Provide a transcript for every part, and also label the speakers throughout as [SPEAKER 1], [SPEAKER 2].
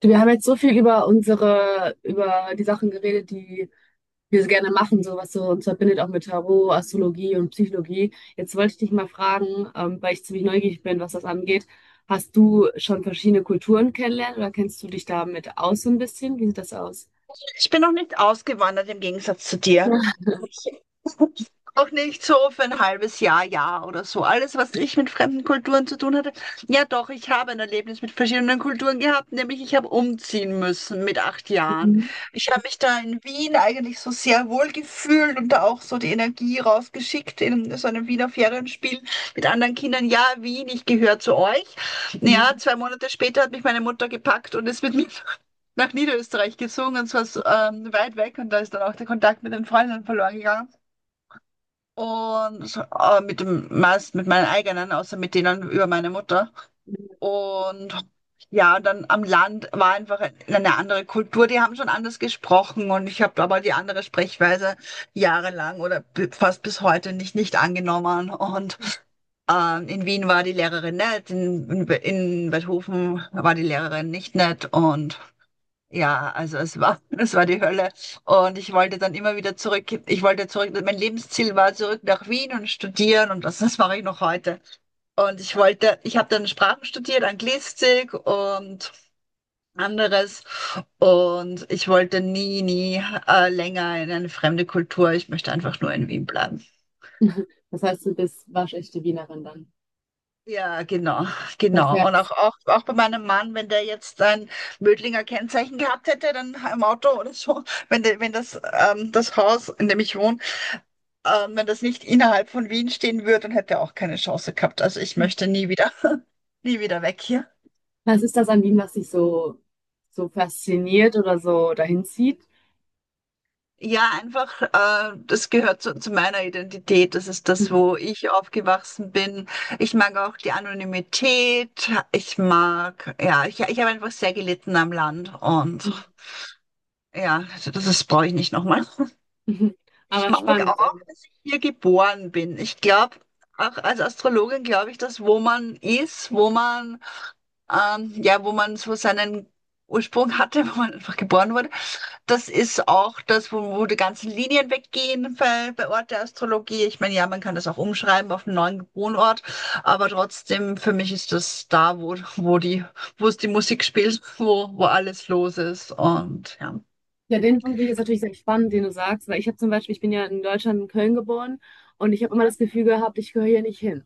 [SPEAKER 1] Du, wir haben jetzt so viel über die Sachen geredet, die wir so gerne machen, so was so uns verbindet, auch mit Tarot, Astrologie und Psychologie. Jetzt wollte ich dich mal fragen, weil ich ziemlich neugierig bin, was das angeht. Hast du schon verschiedene Kulturen kennengelernt oder kennst du dich damit aus so ein bisschen? Wie sieht das aus?
[SPEAKER 2] Ich bin noch nicht ausgewandert im Gegensatz zu dir. Auch nicht so für ein halbes Jahr, ja oder so. Alles, was ich mit fremden Kulturen zu tun hatte. Ja, doch, ich habe ein Erlebnis mit verschiedenen Kulturen gehabt, nämlich ich habe umziehen müssen mit 8 Jahren.
[SPEAKER 1] Mhm.
[SPEAKER 2] Ich habe mich da in Wien eigentlich so sehr wohl gefühlt und da auch so die Energie rausgeschickt in so einem Wiener Ferienspiel mit anderen Kindern. Ja, Wien, ich gehöre zu euch. Ja, 2 Monate später hat mich meine Mutter gepackt und ist mit mir nach Niederösterreich gezogen, und zwar weit weg, und da ist dann auch der Kontakt mit den Freunden verloren gegangen. Und mit dem meist mit meinen eigenen, außer mit denen über meine Mutter. Und ja, und dann am Land war einfach eine andere Kultur. Die haben schon anders gesprochen, und ich habe aber die andere Sprechweise jahrelang oder fast bis heute nicht angenommen. Und in Wien war die Lehrerin nett, in Beethoven war die Lehrerin nicht nett, und ja, also es war, es war die Hölle. Und ich wollte dann immer wieder zurück. Ich wollte zurück. Mein Lebensziel war zurück nach Wien und studieren, und das mache ich noch heute. Und ich wollte, ich habe dann Sprachen studiert, Anglistik und anderes. Und ich wollte nie länger in eine fremde Kultur. Ich möchte einfach nur in Wien bleiben.
[SPEAKER 1] Das heißt, du bist waschechte Wienerin dann.
[SPEAKER 2] Ja, genau,
[SPEAKER 1] Das
[SPEAKER 2] genau. Und auch,
[SPEAKER 1] heißt,
[SPEAKER 2] auch, auch bei meinem Mann, wenn der jetzt ein Mödlinger Kennzeichen gehabt hätte, dann im Auto oder so, wenn, der, wenn das, das Haus, in dem ich wohne, wenn das nicht innerhalb von Wien stehen würde, dann hätte er auch keine Chance gehabt. Also ich möchte nie wieder, nie wieder weg hier.
[SPEAKER 1] was ist das an Wien, was dich so, so fasziniert oder so dahin zieht?
[SPEAKER 2] Ja, einfach, das gehört zu meiner Identität. Das ist das, wo ich aufgewachsen bin. Ich mag auch die Anonymität. Ich mag, ja, ich habe einfach sehr gelitten am Land. Und
[SPEAKER 1] Mhm.
[SPEAKER 2] ja, also das ist, brauche ich nicht nochmal. Ich
[SPEAKER 1] Aber
[SPEAKER 2] mag
[SPEAKER 1] spannend,
[SPEAKER 2] auch,
[SPEAKER 1] also
[SPEAKER 2] dass ich hier geboren bin. Ich glaube, auch als Astrologin glaube ich, dass wo man ist, wo man, ja, wo man so seinen Ursprung hatte, wo man einfach geboren wurde, das ist auch das, wo, wo die ganzen Linien weggehen bei, bei Ort der Astrologie. Ich meine, ja, man kann das auch umschreiben auf einen neuen Wohnort, aber trotzdem, für mich ist das da, wo, wo die, wo es die Musik spielt, wo, wo alles los ist, und ja.
[SPEAKER 1] ja, den Punkt finde ich jetzt natürlich sehr spannend, den du sagst, weil ich habe zum Beispiel, ich bin ja in Deutschland, in Köln geboren und ich habe immer das Gefühl gehabt, ich gehöre hier nicht hin.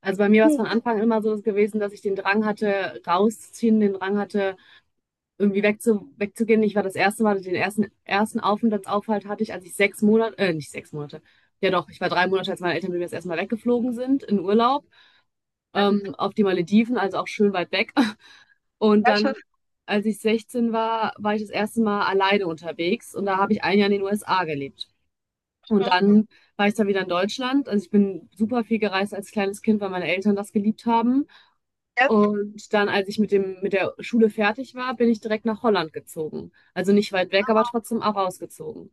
[SPEAKER 1] Also bei mir war es
[SPEAKER 2] Hm.
[SPEAKER 1] von Anfang immer so gewesen, dass ich den Drang hatte, rauszuziehen, den Drang hatte, irgendwie wegzugehen. Ich war das erste Mal, den ersten Aufenthaltsaufhalt hatte ich, als ich 6 Monate, nicht 6 Monate, ja doch, ich war 3 Monate, als meine Eltern mit mir das erste Mal weggeflogen sind, in Urlaub,
[SPEAKER 2] Ja,
[SPEAKER 1] auf die Malediven, also auch schön weit weg. Und
[SPEAKER 2] sehr schön.
[SPEAKER 1] dann, als ich 16 war, war ich das erste Mal alleine unterwegs und da habe ich ein Jahr in den USA gelebt. Und
[SPEAKER 2] Mhm.
[SPEAKER 1] dann war ich da wieder in Deutschland. Also ich bin super viel gereist als kleines Kind, weil meine Eltern das geliebt haben.
[SPEAKER 2] Ja,
[SPEAKER 1] Und dann, als ich mit der Schule fertig war, bin ich direkt nach Holland gezogen. Also nicht weit weg, aber trotzdem auch rausgezogen.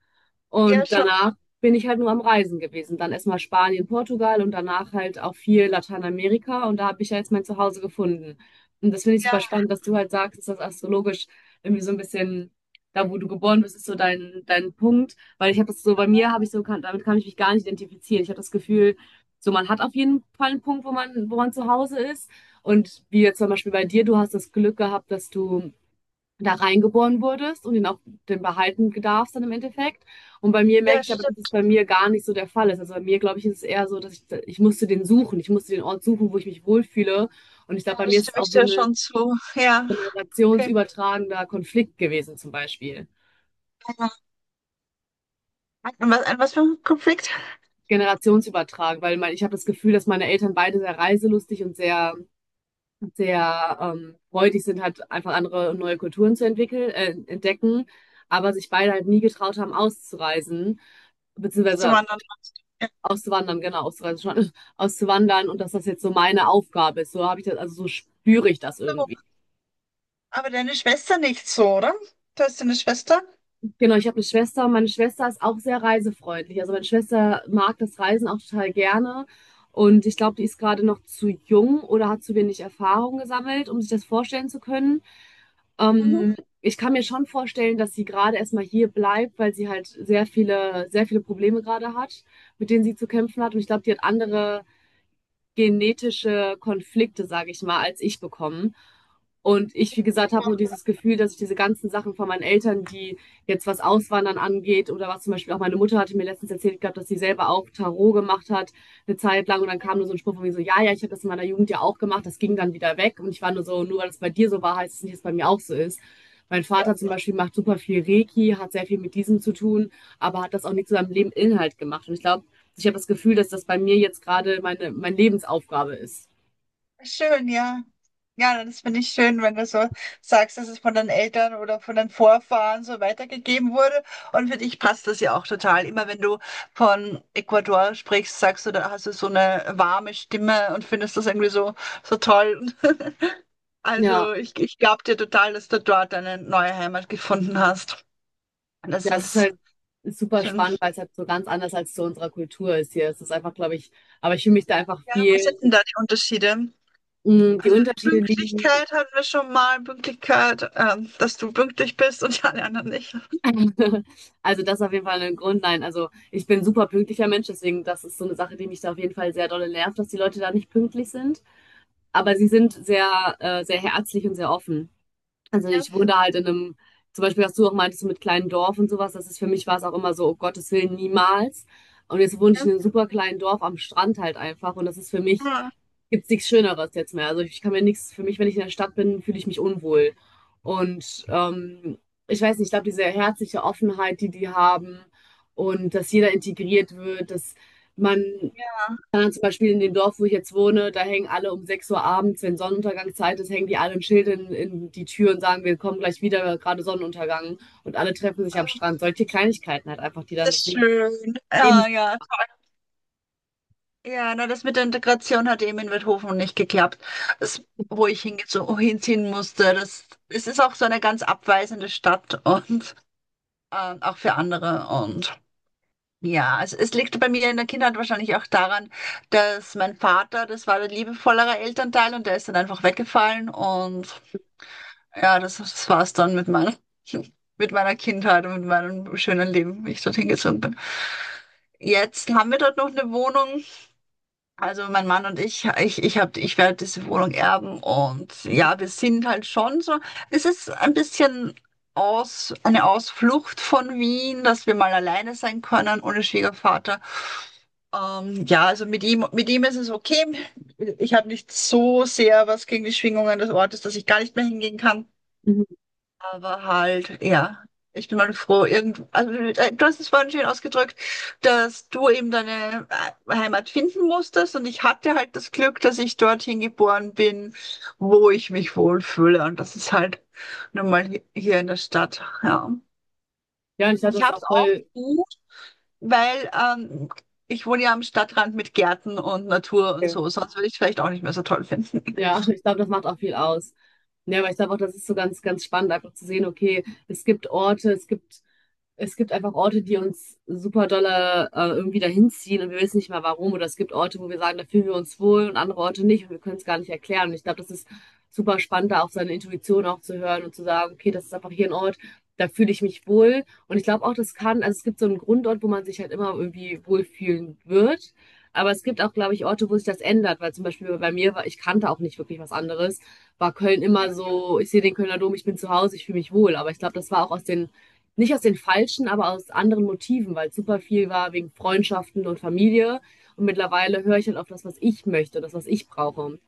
[SPEAKER 2] ja,
[SPEAKER 1] Und
[SPEAKER 2] schon,
[SPEAKER 1] danach bin ich halt nur am Reisen gewesen. Dann erstmal Spanien, Portugal und danach halt auch viel Lateinamerika. Und da habe ich ja jetzt mein Zuhause gefunden. Und das finde ich super
[SPEAKER 2] ja,
[SPEAKER 1] spannend, dass du halt sagst, dass das astrologisch irgendwie so ein bisschen, da wo du geboren bist, ist so dein, dein Punkt. Weil ich habe das so, bei mir habe ich so, kann, damit kann ich mich gar nicht identifizieren. Ich habe das Gefühl, so man hat auf jeden Fall einen Punkt, wo man zu Hause ist. Und wie jetzt zum Beispiel bei dir, du hast das Glück gehabt, dass du da reingeboren wurdest und ihn auch den behalten darfst dann im Endeffekt. Und bei mir merke
[SPEAKER 2] ja,
[SPEAKER 1] ich aber, dass es
[SPEAKER 2] stimmt,
[SPEAKER 1] bei mir gar nicht so der Fall ist. Also bei mir, glaube ich, ist es eher so, dass ich musste den suchen. Ich musste den Ort suchen, wo ich mich wohlfühle. Und ich
[SPEAKER 2] ja,
[SPEAKER 1] glaube, bei mir
[SPEAKER 2] das
[SPEAKER 1] ist es
[SPEAKER 2] stimme
[SPEAKER 1] auch
[SPEAKER 2] ich
[SPEAKER 1] so
[SPEAKER 2] dir
[SPEAKER 1] ein
[SPEAKER 2] schon zu. Ja, okay.
[SPEAKER 1] generationsübertragender Konflikt gewesen, zum Beispiel.
[SPEAKER 2] Ja. An was für ein Konflikt,
[SPEAKER 1] Generationsübertragend, weil mein, ich habe das Gefühl, dass meine Eltern beide sehr reiselustig und sehr freudig sind, halt einfach andere und neue Kulturen zu entwickeln, entdecken, aber sich beide halt nie getraut haben, auszureisen,
[SPEAKER 2] zu
[SPEAKER 1] beziehungsweise
[SPEAKER 2] wandern? Ja.
[SPEAKER 1] auszuwandern, genau, auszureisen schon, auszuwandern und dass das jetzt so meine Aufgabe ist. So habe ich das, also so spüre ich das
[SPEAKER 2] So,
[SPEAKER 1] irgendwie.
[SPEAKER 2] aber deine Schwester nicht so, oder? Du hast eine Schwester?
[SPEAKER 1] Genau, ich habe eine Schwester und meine Schwester ist auch sehr reisefreundlich. Also meine Schwester mag das Reisen auch total gerne. Und ich glaube, die ist gerade noch zu jung oder hat zu wenig Erfahrung gesammelt, um sich das vorstellen zu können.
[SPEAKER 2] Mhm.
[SPEAKER 1] Ähm, Ich kann mir schon vorstellen, dass sie gerade erstmal hier bleibt, weil sie halt sehr viele Probleme gerade hat, mit denen sie zu kämpfen hat. Und ich glaube, die hat andere genetische Konflikte, sage ich mal, als ich bekommen. Und ich, wie gesagt, habe so dieses Gefühl, dass ich diese ganzen Sachen von meinen Eltern, die jetzt was Auswandern angeht oder was zum Beispiel auch meine Mutter hatte mir letztens erzählt gehabt, dass sie selber auch Tarot gemacht hat eine Zeit lang und dann kam nur so ein Spruch von mir so, ich habe das in meiner Jugend ja auch gemacht, das ging dann wieder weg und ich war nur so, nur weil es bei dir so war, heißt es nicht, dass es bei mir auch so ist. Mein
[SPEAKER 2] Ja.
[SPEAKER 1] Vater zum Beispiel macht super viel Reiki, hat sehr viel mit diesem zu tun, aber hat das auch nicht zu seinem Leben Inhalt gemacht. Und ich glaube, ich habe das Gefühl, dass das bei mir jetzt gerade meine Lebensaufgabe ist.
[SPEAKER 2] Schön, ja. Ja, das finde ich schön, wenn du so sagst, dass es von den Eltern oder von den Vorfahren so weitergegeben wurde. Und für dich passt das ja auch total. Immer wenn du von Ecuador sprichst, sagst du, da hast du so eine warme Stimme und findest das irgendwie so, so toll.
[SPEAKER 1] Ja,
[SPEAKER 2] Also ich glaube dir total, dass du dort eine neue Heimat gefunden hast. Und das
[SPEAKER 1] ja, Es ist
[SPEAKER 2] ist
[SPEAKER 1] halt super
[SPEAKER 2] schön.
[SPEAKER 1] spannend, weil es halt so ganz anders als zu unserer Kultur ist hier. Es ist einfach, glaube ich, aber ich fühle mich da einfach
[SPEAKER 2] Ja, was sind
[SPEAKER 1] viel,
[SPEAKER 2] denn da die Unterschiede?
[SPEAKER 1] mh, die
[SPEAKER 2] Also
[SPEAKER 1] Unterschiede liegen.
[SPEAKER 2] Pünktlichkeit hatten wir schon mal, Pünktlichkeit, dass du pünktlich bist und ja, die alle anderen nicht.
[SPEAKER 1] Also das ist auf jeden Fall ein Grund. Nein, also ich bin ein super pünktlicher Mensch, deswegen das ist so eine Sache, die mich da auf jeden Fall sehr dolle nervt, dass die Leute da nicht pünktlich sind. Aber sie sind sehr, sehr herzlich und sehr offen. Also ich wohne halt in einem, zum Beispiel, was du auch meintest so mit kleinen Dorf und sowas, das ist für mich war es auch immer so, oh Gottes Willen, niemals. Und jetzt wohne ich
[SPEAKER 2] Mhm.
[SPEAKER 1] in einem super kleinen Dorf am Strand halt einfach und das ist für mich, gibt's nichts Schöneres jetzt mehr. Also ich kann mir nichts, für mich, wenn ich in der Stadt bin, fühle ich mich unwohl. Und ich weiß nicht, ich glaube, diese herzliche Offenheit, die die haben und dass jeder integriert wird, dass man
[SPEAKER 2] Ja,
[SPEAKER 1] dann zum Beispiel in dem Dorf, wo ich jetzt wohne, da hängen alle um 6 Uhr abends, wenn Sonnenuntergangszeit ist, hängen die alle ein Schild in die Tür und sagen, wir kommen gleich wieder, gerade Sonnenuntergang. Und alle treffen sich am
[SPEAKER 2] ähm,
[SPEAKER 1] Strand. Solche Kleinigkeiten halt einfach, die dann
[SPEAKER 2] das
[SPEAKER 1] das
[SPEAKER 2] ist
[SPEAKER 1] Leben.
[SPEAKER 2] schön.
[SPEAKER 1] Leben-
[SPEAKER 2] Ja, ja. Ja, na, das mit der Integration hat eben in Wildhofen nicht geklappt. Das, wo ich hinziehen musste, das, es ist auch so eine ganz abweisende Stadt, und auch für andere. Und ja, es liegt bei mir in der Kindheit wahrscheinlich auch daran, dass mein Vater, das war der liebevollere Elternteil, und der ist dann einfach weggefallen. Und ja, das war es dann mit meiner, mit meiner Kindheit und mit meinem schönen Leben, wie ich dorthin gezogen bin. Jetzt haben wir dort noch eine Wohnung. Also mein Mann und ich, ich hab, ich werde diese Wohnung erben, und ja, wir sind halt schon so. Es ist ein bisschen aus, eine Ausflucht von Wien, dass wir mal alleine sein können ohne Schwiegervater. Ja, also mit ihm ist es okay. Ich habe nicht so sehr was gegen die Schwingungen des Ortes, dass ich gar nicht mehr hingehen kann.
[SPEAKER 1] mhm.
[SPEAKER 2] Aber halt, ja, ich bin mal froh, irgend, also, du hast es vorhin schön ausgedrückt, dass du eben deine Heimat finden musstest, und ich hatte halt das Glück, dass ich dorthin geboren bin, wo ich mich wohlfühle, und das ist halt nun mal hier in der Stadt, ja.
[SPEAKER 1] Ja, und ich dachte,
[SPEAKER 2] Ich
[SPEAKER 1] das ist
[SPEAKER 2] habe es
[SPEAKER 1] auch
[SPEAKER 2] auch
[SPEAKER 1] voll.
[SPEAKER 2] gut, weil ich wohne ja am Stadtrand mit Gärten und Natur und so, sonst würde ich es vielleicht auch nicht mehr so toll finden.
[SPEAKER 1] Ja, ich glaube, das macht auch viel aus. Ja, aber ich glaube auch, das ist so ganz spannend, einfach zu sehen, okay, es gibt einfach Orte, die uns super dolle irgendwie dahin ziehen und wir wissen nicht mal warum. Oder es gibt Orte, wo wir sagen, da fühlen wir uns wohl und andere Orte nicht und wir können es gar nicht erklären. Und ich glaube, das ist super spannend, da auf seine Intuition auch zu hören und zu sagen, okay, das ist einfach hier ein Ort, da fühle ich mich wohl. Und ich glaube auch, das kann, also es gibt so einen Grundort, wo man sich halt immer irgendwie wohlfühlen wird. Aber es gibt auch, glaube ich, Orte, wo sich das ändert, weil zum Beispiel bei mir war, ich kannte auch nicht wirklich was anderes, war Köln immer so, ich sehe den Kölner Dom, ich bin zu Hause, ich fühle mich wohl. Aber ich glaube, das war auch aus den, nicht aus den falschen, aber aus anderen Motiven, weil super viel war wegen Freundschaften und Familie. Und mittlerweile höre ich halt auf das, was ich möchte, das, was ich brauche.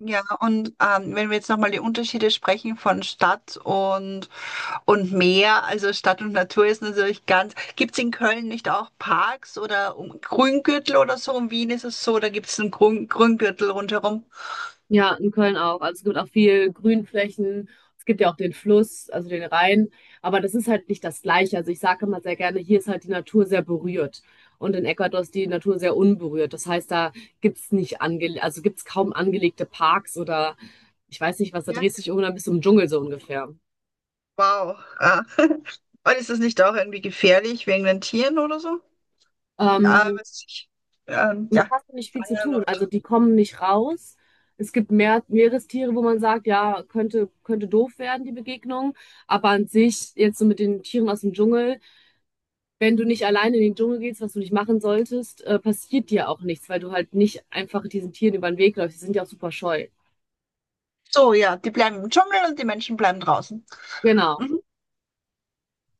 [SPEAKER 2] Ja, und wenn wir jetzt nochmal die Unterschiede sprechen von Stadt und Meer, also Stadt und Natur ist natürlich ganz, gibt's in Köln nicht auch Parks oder um, Grüngürtel oder so? In Wien ist es so, da gibt's einen Grün, Grüngürtel rundherum.
[SPEAKER 1] Ja, in Köln auch. Also es gibt auch viel Grünflächen. Es gibt ja auch den Fluss, also den Rhein. Aber das ist halt nicht das Gleiche. Also ich sage immer sehr gerne, hier ist halt die Natur sehr berührt. Und in Ecuador ist die Natur sehr unberührt. Das heißt, da gibt's nicht ange, also gibt's kaum angelegte Parks oder ich weiß nicht was, da
[SPEAKER 2] Ja,
[SPEAKER 1] drehst du dich irgendwann bis zum Dschungel so ungefähr.
[SPEAKER 2] wow. Ah. Und ist das nicht auch irgendwie gefährlich wegen den Tieren oder so? Ah, was
[SPEAKER 1] Ähm,
[SPEAKER 2] weiß ich,
[SPEAKER 1] mit
[SPEAKER 2] ja,
[SPEAKER 1] hast du nicht viel zu
[SPEAKER 2] Schlangen
[SPEAKER 1] tun.
[SPEAKER 2] oder-
[SPEAKER 1] Also die kommen nicht raus. Es gibt mehr Meerestiere, wo man sagt, ja, könnte doof werden, die Begegnung. Aber an sich, jetzt so mit den Tieren aus dem Dschungel, wenn du nicht alleine in den Dschungel gehst, was du nicht machen solltest, passiert dir auch nichts, weil du halt nicht einfach diesen Tieren über den Weg läufst. Die sind ja auch super scheu.
[SPEAKER 2] so, ja, die bleiben im Dschungel und die Menschen bleiben draußen.
[SPEAKER 1] Genau.
[SPEAKER 2] Mhm.